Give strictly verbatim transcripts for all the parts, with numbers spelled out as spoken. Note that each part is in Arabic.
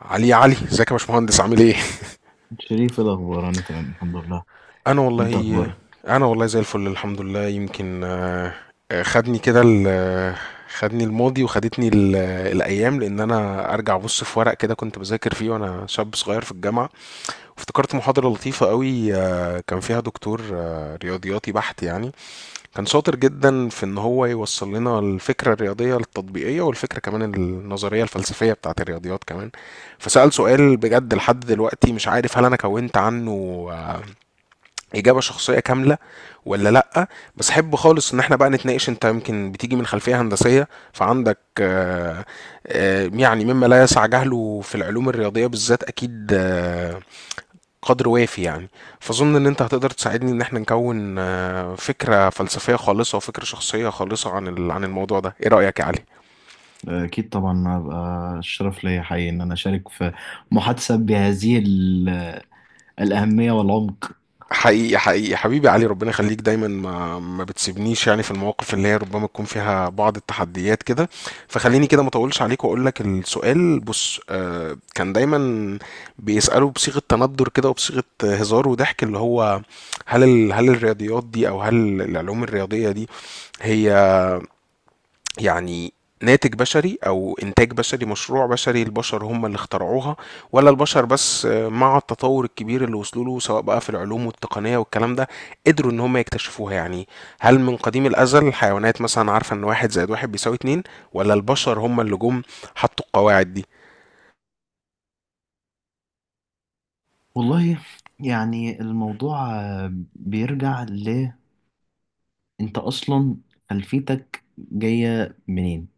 علي، علي، ازيك يا باشمهندس؟ عامل ايه؟ شريف، إيه الأخبار؟ أنا تمام الحمد لله. انا أنت والله. أخبارك؟ انا والله زي الفل، الحمد لله. يمكن آه، آه، خدني كده ال- آه، خدني الماضي، وخدتني ال- آه، الايام، لان انا ارجع ابص في ورق كده كنت بذاكر فيه وانا شاب صغير في الجامعه. وافتكرت محاضره لطيفه قوي، آه، كان فيها دكتور آه، رياضياتي بحت يعني. كان شاطر جدا في ان هو يوصل لنا الفكره الرياضيه التطبيقيه، والفكره كمان النظريه الفلسفيه بتاعه الرياضيات كمان. فسأل سؤال، بجد لحد دلوقتي مش عارف هل انا كونت عنه آه، اجابه شخصيه كامله ولا لا. بس احب خالص ان احنا بقى نتناقش. انت يمكن بتيجي من خلفيه هندسيه، فعندك آه، آه، يعني مما لا يسع جهله في العلوم الرياضيه بالذات، اكيد آه، قدر وافي يعني. فاظن ان انت هتقدر تساعدني ان احنا نكون آه، فكره فلسفيه خالصه وفكره شخصيه خالصه عن ال- عن الموضوع ده. ايه رايك يا علي؟ أكيد طبعا، هبقى الشرف ليا حقيقي إن أنا أشارك في محادثة بهذه ال- الأهمية والعمق. حقيقي حقيقي حبيبي علي، ربنا يخليك دايما ما ما بتسيبنيش، يعني في المواقف اللي هي ربما تكون فيها بعض التحديات كده. فخليني كده ما اطولش عليك واقول لك السؤال. بص، آه، كان دايما بيسالوا بصيغه تندر كده، وبصيغه هزار وضحك، اللي هو هل ال- هل الرياضيات دي، او هل العلوم الرياضيه دي، هي يعني ناتج بشري او انتاج بشري مشروع بشري؟ البشر هم اللي اخترعوها، ولا البشر بس آه، مع التطور الكبير اللي وصلوا له، سواء بقى في العلوم والتقنية والكلام ده، قدروا ان هم يكتشفوها؟ يعني هل من قديم الازل الحيوانات مثلا عارفة ان واحد زائد واحد بيساوي اتنين، ولا البشر هم اللي جم حطوا القواعد دي؟ والله يعني الموضوع آه، بيرجع ل، أنت أصلا خلفيتك جاية منين؟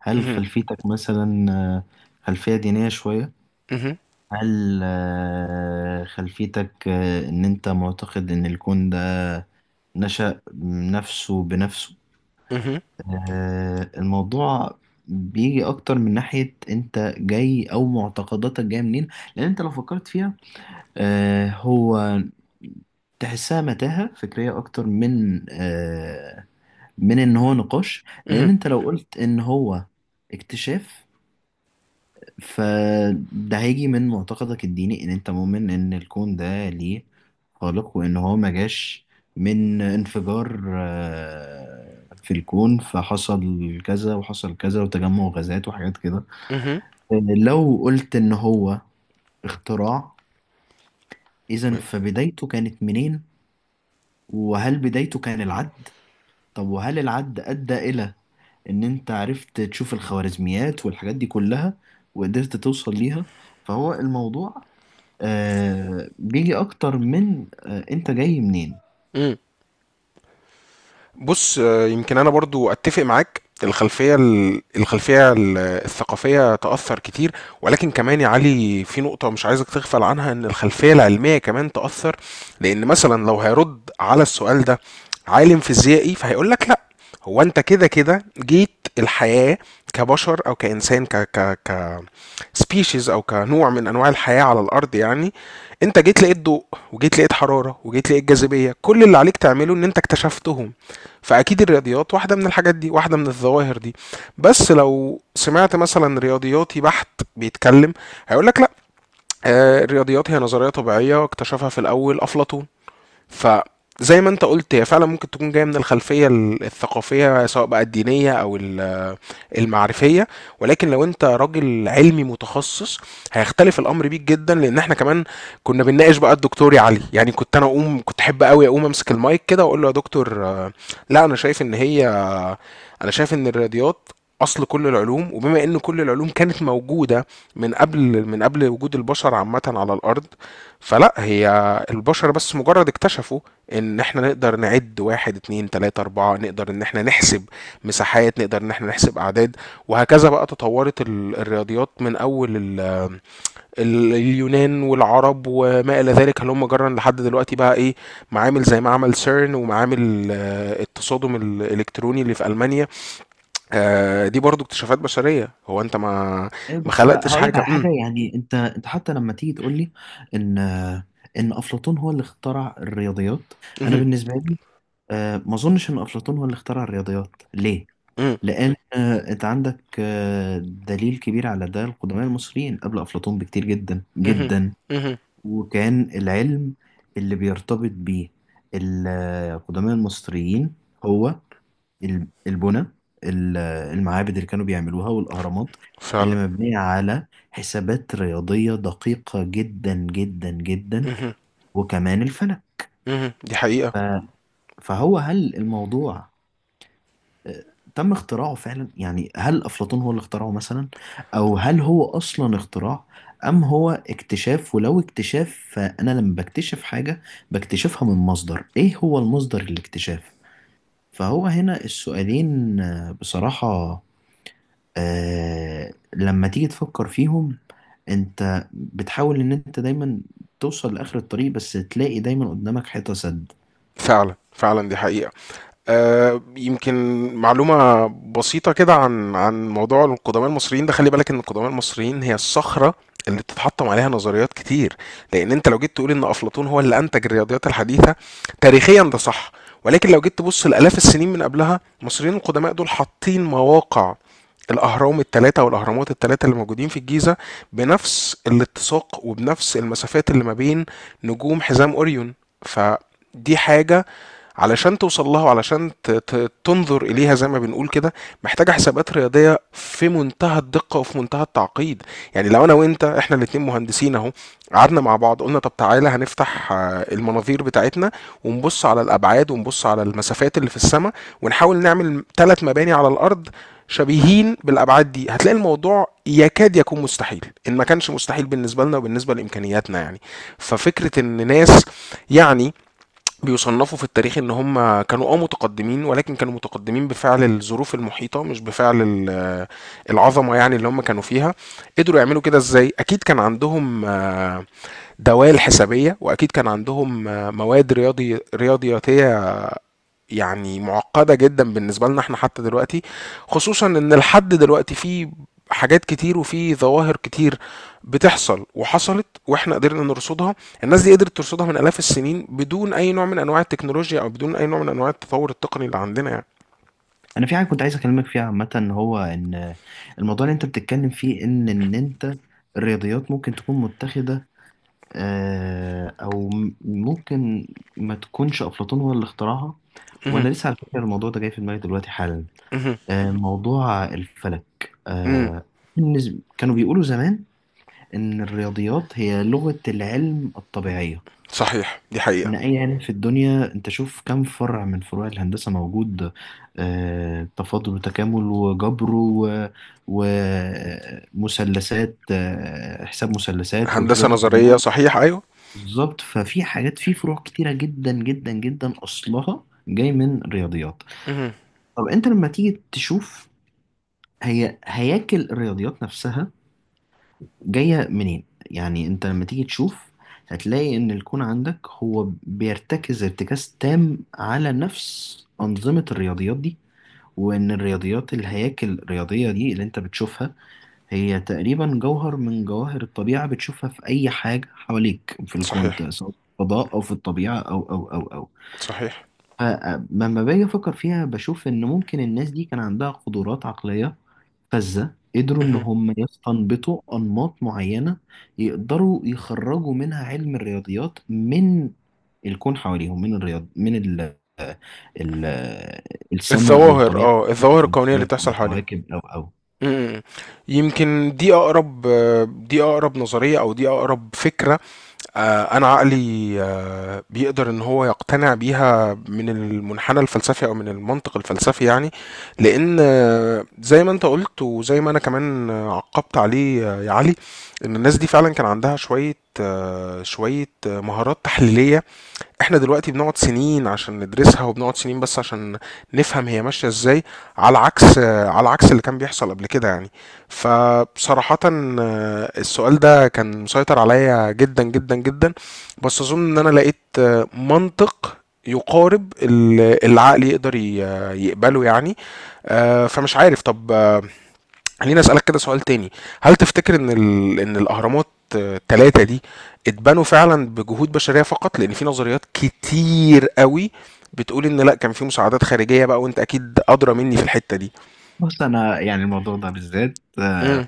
هل مهم. خلفيتك مثلا آه، خلفية دينية شوية؟ مهم. هل آه، خلفيتك آه، إن أنت معتقد إن الكون ده نشأ نفسه بنفسه؟ مهم. آه، الموضوع بيجي اكتر من ناحية انت جاي او معتقداتك جاية منين، لان انت لو فكرت فيها آه، هو تحسها متاهة فكرية اكتر من آه، من ان هو نقاش. لان انت لو قلت ان هو اكتشاف، فده هيجي من معتقدك الديني ان انت مؤمن ان الكون ده ليه خالق، وان هو ما جاش من انفجار آه، في الكون فحصل كذا وحصل كذا وتجمع غازات وحاجات كده. مهم. آه، لو قلت ان هو اختراع، اذا فبدايته كانت منين؟ وهل بدايته كان العد؟ طب وهل العد ادى الى ان انت عرفت تشوف الخوارزميات والحاجات دي كلها وقدرت توصل ليها؟ فهو الموضوع آه بيجي اكتر من آه انت جاي منين. مهم. بُص، آآ يمكن أنا برضه أتّفق معاك. الخلفية ال الخلفية ال الثقافية تأثّر كتير، ولكن كمان يا علي في نقطة مش عايزك تغفل عنها، إن الخلفية العلمية كمان تأثّر، لإن مثلًا لو هيرُد على السؤال ده عالم فيزيائي، فهيقول لك لأ، هو أنت كده، كده جيت الحياة كبشر أو كإنسان ك ك ك species، او كنوع من انواع الحياه على الارض يعني. انت جيت لقيت ضوء، وجيت لقيت حراره، وجيت لقيت جاذبيه. كل اللي عليك تعمله ان انت اكتشفتهم. فاكيد الرياضيات واحده من الحاجات دي، واحده من الظواهر دي. بس لو سمعت مثلا رياضياتي بحت بيتكلم، هيقول لك لا، آه، الرياضيات هي نظريه طبيعيه اكتشفها في الاول افلاطون. ف، زي ما انت قلت، هي فعلا ممكن تكون جايه من الخلفيه الثقافيه، سواء بقى الدينيه او ال المعرفيه. ولكن لو انت راجل علمي متخصص، هيختلف الامر بيك جدا، لان احنا كمان كنا بنناقش بقى الدكتور علي. يعني كنت انا اقوم، كنت احب قوي اقوم امسك المايك كده واقول له: يا دكتور آه، لا، انا شايف ان هي انا شايف ان الرياضيات اصل كل العلوم، وبما ان كل العلوم كانت موجوده من قبل من قبل وجود البشر عامه على الارض، فلا هي، البشر بس مجرد اكتشفوا ان احنا نقدر نعد واحد اتنين تلاته اربعه، نقدر ان احنا نحسب مساحات، نقدر ان احنا نحسب اعداد، وهكذا بقى تطورت ال- الرياضيات من اول ال- ال- اليونان والعرب وما الى ذلك، هلم جرا لحد دلوقتي بقى ايه، معامل زي معمل سيرن، ومعامل آه، التصادم الالكتروني اللي في المانيا. آه، دي برضو اكتشافات بشرية. هو انت ما ايوه ما بس خلقتش هقول لك حاجة. على امم. حاجه، يعني انت انت حتى لما تيجي تقول لي ان آه، ان افلاطون هو اللي اخترع الرياضيات، انا امم. بالنسبه لي آه ما اظنش ان افلاطون هو اللي اخترع الرياضيات. ليه؟ امم. لان آه انت عندك آه دليل كبير على ده، القدماء المصريين قبل افلاطون بكتير جدا امم. جدا. امم. وكان العلم اللي بيرتبط بيه القدماء المصريين هو ال- البنى، ال- المعابد اللي كانوا بيعملوها والأهرامات اللي فعلا. مبنية على حسابات رياضية دقيقة جدا جدا جدا، امم. وكمان الفلك. امم دي حقيقة. ف- فهو هل الموضوع آه، تم اختراعه فعلا؟ يعني هل أفلاطون هو اللي اخترعه مثلا، أو هل هو أصلا اختراع أم هو اكتشاف؟ ولو اكتشاف فأنا لما بكتشف حاجة بكتشفها من مصدر، إيه هو المصدر الاكتشاف؟ فهو هنا السؤالين آه، بصراحة آه لما تيجي تفكر فيهم، انت بتحاول ان انت دايما توصل لاخر الطريق بس تلاقي دايما قدامك حيطة سد. فعلا فعلا، دي حقيقة. آه يمكن معلومة بسيطة كده عن عن موضوع القدماء المصريين ده. خلي بالك ان القدماء المصريين هي الصخرة اللي بتتحطم عليها نظريات كتير. لان انت لو جيت تقول ان افلاطون هو اللي انتج الرياضيات الحديثة، تاريخيا ده صح، ولكن لو جيت تبص لالاف السنين من قبلها، المصريين القدماء دول حاطين مواقع الأهرام التلاتة والأهرامات التلاتة اللي موجودين في الجيزة بنفس الاتساق وبنفس المسافات اللي ما بين نجوم حزام أوريون. فدي حاجة علشان توصل لها، وعلشان ت- ت- تنظر إليها، زي ما بنقول كده، محتاجة حسابات رياضية في منتهى الدقة وفي منتهى التعقيد. يعني لو أنا وأنت إحنا الاتنين مهندسين أهو، قعدنا مع بعض قلنا طب تعالى هنفتح آه، المناظير بتاعتنا، ونبص على الأبعاد ونبص على المسافات اللي في السماء، ونحاول نعمل ثلاث مباني على الأرض شبيهين بالابعاد دي، هتلاقي الموضوع يكاد يكون مستحيل، ان ما كانش مستحيل بالنسبه لنا وبالنسبه لامكانياتنا يعني. ففكره ان ناس يعني بيصنفوا في التاريخ ان هم كانوا اه متقدمين، ولكن كانوا متقدمين بفعل الظروف المحيطه، مش بفعل ال- آه العظمه يعني اللي هم كانوا فيها. قدروا يعملوا كده ازاي؟ اكيد كان عندهم آه دوال حسابيه، واكيد كان عندهم آه مواد رياضي رياضياتيه يعني معقدة جدا بالنسبة لنا احنا حتى دلوقتي. خصوصا ان لحد دلوقتي في حاجات كتير وفي ظواهر كتير بتحصل وحصلت واحنا قدرنا نرصدها. الناس دي قدرت ترصدها من آلاف السنين بدون اي نوع من انواع التكنولوجيا، او بدون اي نوع من انواع التطور التقني اللي عندنا يعني. انا في حاجة كنت عايز اكلمك فيها عامة، هو ان الموضوع اللي انت بتتكلم فيه ان ان انت الرياضيات ممكن تكون متخذة آه او م- ممكن ما تكونش افلاطون هو اللي اخترعها. مهم. وانا لسه على فكرة الموضوع ده جاي في دماغي دلوقتي حالا، مهم. آه موضوع الفلك. مم. آه بالنسبة- كانوا بيقولوا زمان إن الرياضيات هي لغة العلم الطبيعية. صحيح، دي حقيقة. إن أي علم في الدنيا، أنت شوف كم فرع من فروع الهندسة موجود، آه، تفاضل وتكامل وجبر و- ومثلثات، آه، حساب مثلثات هندسة والحاجات دي نظرية، كلها. صحيح، ايوه. بالظبط، ففي حاجات في فروع كتيرة جدا جدا جدا أصلها جاي من الرياضيات. مهم. طب أنت لما تيجي تشوف هي هياكل الرياضيات نفسها جاية منين؟ يعني انت لما تيجي تشوف هتلاقي ان الكون عندك هو بيرتكز ارتكاز تام على نفس أنظمة الرياضيات دي، وان الرياضيات الهياكل الرياضية دي اللي انت بتشوفها هي تقريبا جوهر من جواهر الطبيعة، بتشوفها في اي حاجة حواليك في الكون صحيح. ده، سواء في الفضاء او في الطبيعة او او او او. صحيح. فلما باجي افكر فيها بشوف ان ممكن الناس دي كان عندها قدرات عقلية فذة، قدروا إن مهم. هم يستنبطوا أنماط معينة يقدروا يخرجوا منها علم الرياضيات من الكون حواليهم، من الرياض من ال ال السماء أو الظواهر الطبيعة اه الظواهر أو الكونية اللي الفلك أو بتحصل حواليهم. الكواكب أو أو. مم. يمكن دي اقرب دي اقرب نظريه، او دي اقرب فكره. آه، انا عقلي آه، بيقدر ان هو يقتنع بيها من المنحنى الفلسفي او من المنطق الفلسفي يعني. لان، آه، زي ما انت قلت وزي ما انا كمان عقبت عليه، آه، يا علي، ان الناس دي فعلا كان عندها شويه آه، شويه مهارات تحليليه. احنا دلوقتي بنقعد سنين عشان ندرسها، وبنقعد سنين بس عشان نفهم هي ماشية ازاي، على عكس على عكس اللي كان بيحصل قبل كده يعني. فبصراحة، آه، السؤال ده كان مسيطر عليا جدا جدا جدا. بس اظن ان انا لقيت آه، منطق يقارب اللي العقل يقدر ي- يقبله يعني. آه، فمش عارف. طب، آه، خليني اسالك كده سؤال تاني. هل تفتكر ان ال... ان الاهرامات الثلاثه دي اتبنوا فعلا بجهود بشريه فقط؟ لان في نظريات كتير قوي بتقول ان لا، كان في مساعدات خارجيه بقى، وانت اكيد ادرى مني في الحته دي. بص أنا يعني الموضوع ده بالذات امم.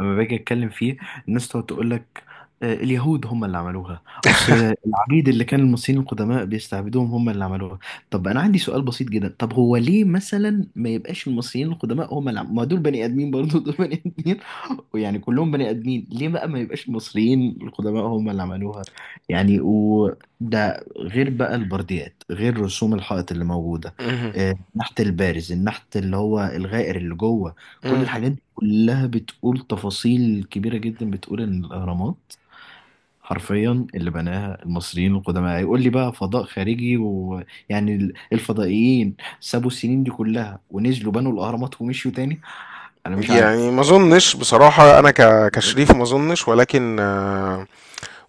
لما باجي اتكلم فيه الناس تقعد تقول لك آه، اليهود هم اللي عملوها، اصل العبيد اللي كان المصريين القدماء بيستعبدوهم هم اللي عملوها. طب انا عندي سؤال بسيط جدا، طب هو ليه مثلا ما يبقاش المصريين القدماء هم اللي عم... ما دول بني ادمين برضه، دول بني ادمين ويعني كلهم بني ادمين، ليه بقى ما يبقاش المصريين القدماء هم اللي عملوها؟ يعني وده غير بقى البرديات، غير رسوم الحائط اللي موجوده، امم. آه، النحت البارز، النحت اللي هو الغائر اللي جوه. كل امم. الحاجات كلها بتقول تفاصيل كبيرة جدا بتقول إن الأهرامات حرفيا اللي بناها المصريين القدماء. هيقول لي بقى فضاء خارجي ويعني ال- الفضائيين سابوا السنين دي كلها ونزلوا بنوا الأهرامات ومشيوا تاني؟ أنا مش عارف. يعني ما اظنش بصراحه. انا ك... كشريف ما اظنش، ولكن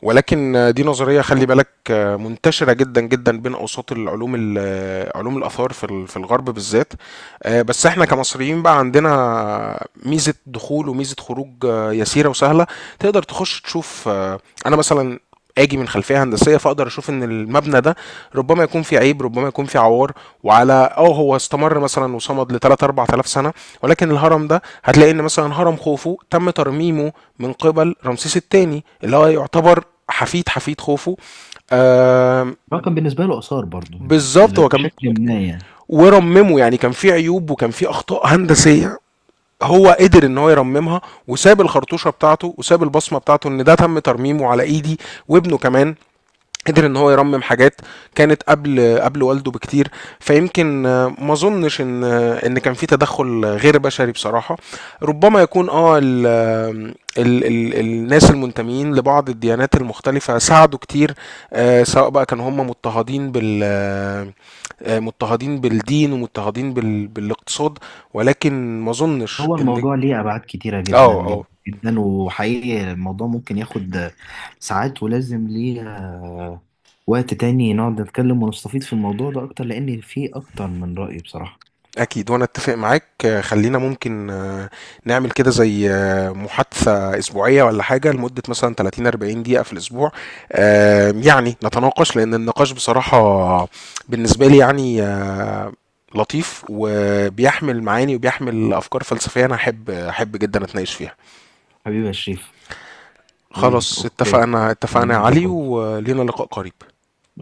ولكن دي نظرية، خلي بالك، منتشرة جدا جدا بين أوساط العلوم ال- علوم الآثار في ال- في الغرب بالذات. آه، بس احنا كمصريين بقى عندنا ميزة دخول وميزة خروج آه، يسيرة وسهلة. تقدر تخش تشوف. آه، أنا مثلا اجي من خلفيه هندسيه، فاقدر اشوف ان المبنى ده ربما يكون فيه عيب، ربما يكون فيه عوار. وعلى، اه هو استمر مثلا وصمد ل ثلاثة اربعة آلاف سنه. ولكن الهرم ده هتلاقي ان مثلا هرم خوفو تم ترميمه من قبل رمسيس الثاني، اللي هو يعتبر حفيد حفيد خوفو. آه رقم بالنسبة له آثار برضه، بالظبط. هو كان بشكل ما يعني. ورممه، يعني كان في عيوب وكان في اخطاء هندسيه، هو قدر ان هو يرممها، وساب الخرطوشه بتاعته وساب البصمه بتاعته ان ده تم ترميمه على ايدي. وابنه كمان قدر ان هو يرمم حاجات كانت قبل قبل والده بكتير. فيمكن، آه، ما اظنش ان آه، ان كان في تدخل غير بشري بصراحه. ربما يكون اه ال ال ال الناس المنتمين لبعض الديانات المختلفه ساعدوا كتير، آه، سواء بقى كانوا هم مضطهدين بال آه، آه، مضطهدين بالدين، ومضطهدين بال بالاقتصاد، ولكن ما اظنش هو ان. الموضوع ليه أبعاد كتيرة جدا اه، اه. جدا جدا، وحقيقي الموضوع ممكن ياخد ساعات ولازم ليه آه، وقت تاني نقعد نتكلم ونستفيد في الموضوع ده أكتر، لأن فيه أكتر من رأي بصراحة. أكيد، وأنا أتفق معاك. آه، خلينا ممكن، آه، نعمل كده زي آه، محادثة أسبوعية ولا حاجة لمدة مثلا تلاتين اربعين دقيقة في الأسبوع. آه، يعني نتناقش، لأن النقاش بصراحة بالنسبة لي يعني آه، لطيف، وبيحمل معاني وبيحمل أفكار فلسفية، أنا أحب أحب جدا أتناقش فيها. حبيبي يا شريف. حبيبي خلاص، أوكي، اتفقنا اتفقنا يا خلينا علي، نظبط. ولينا لقاء قريب.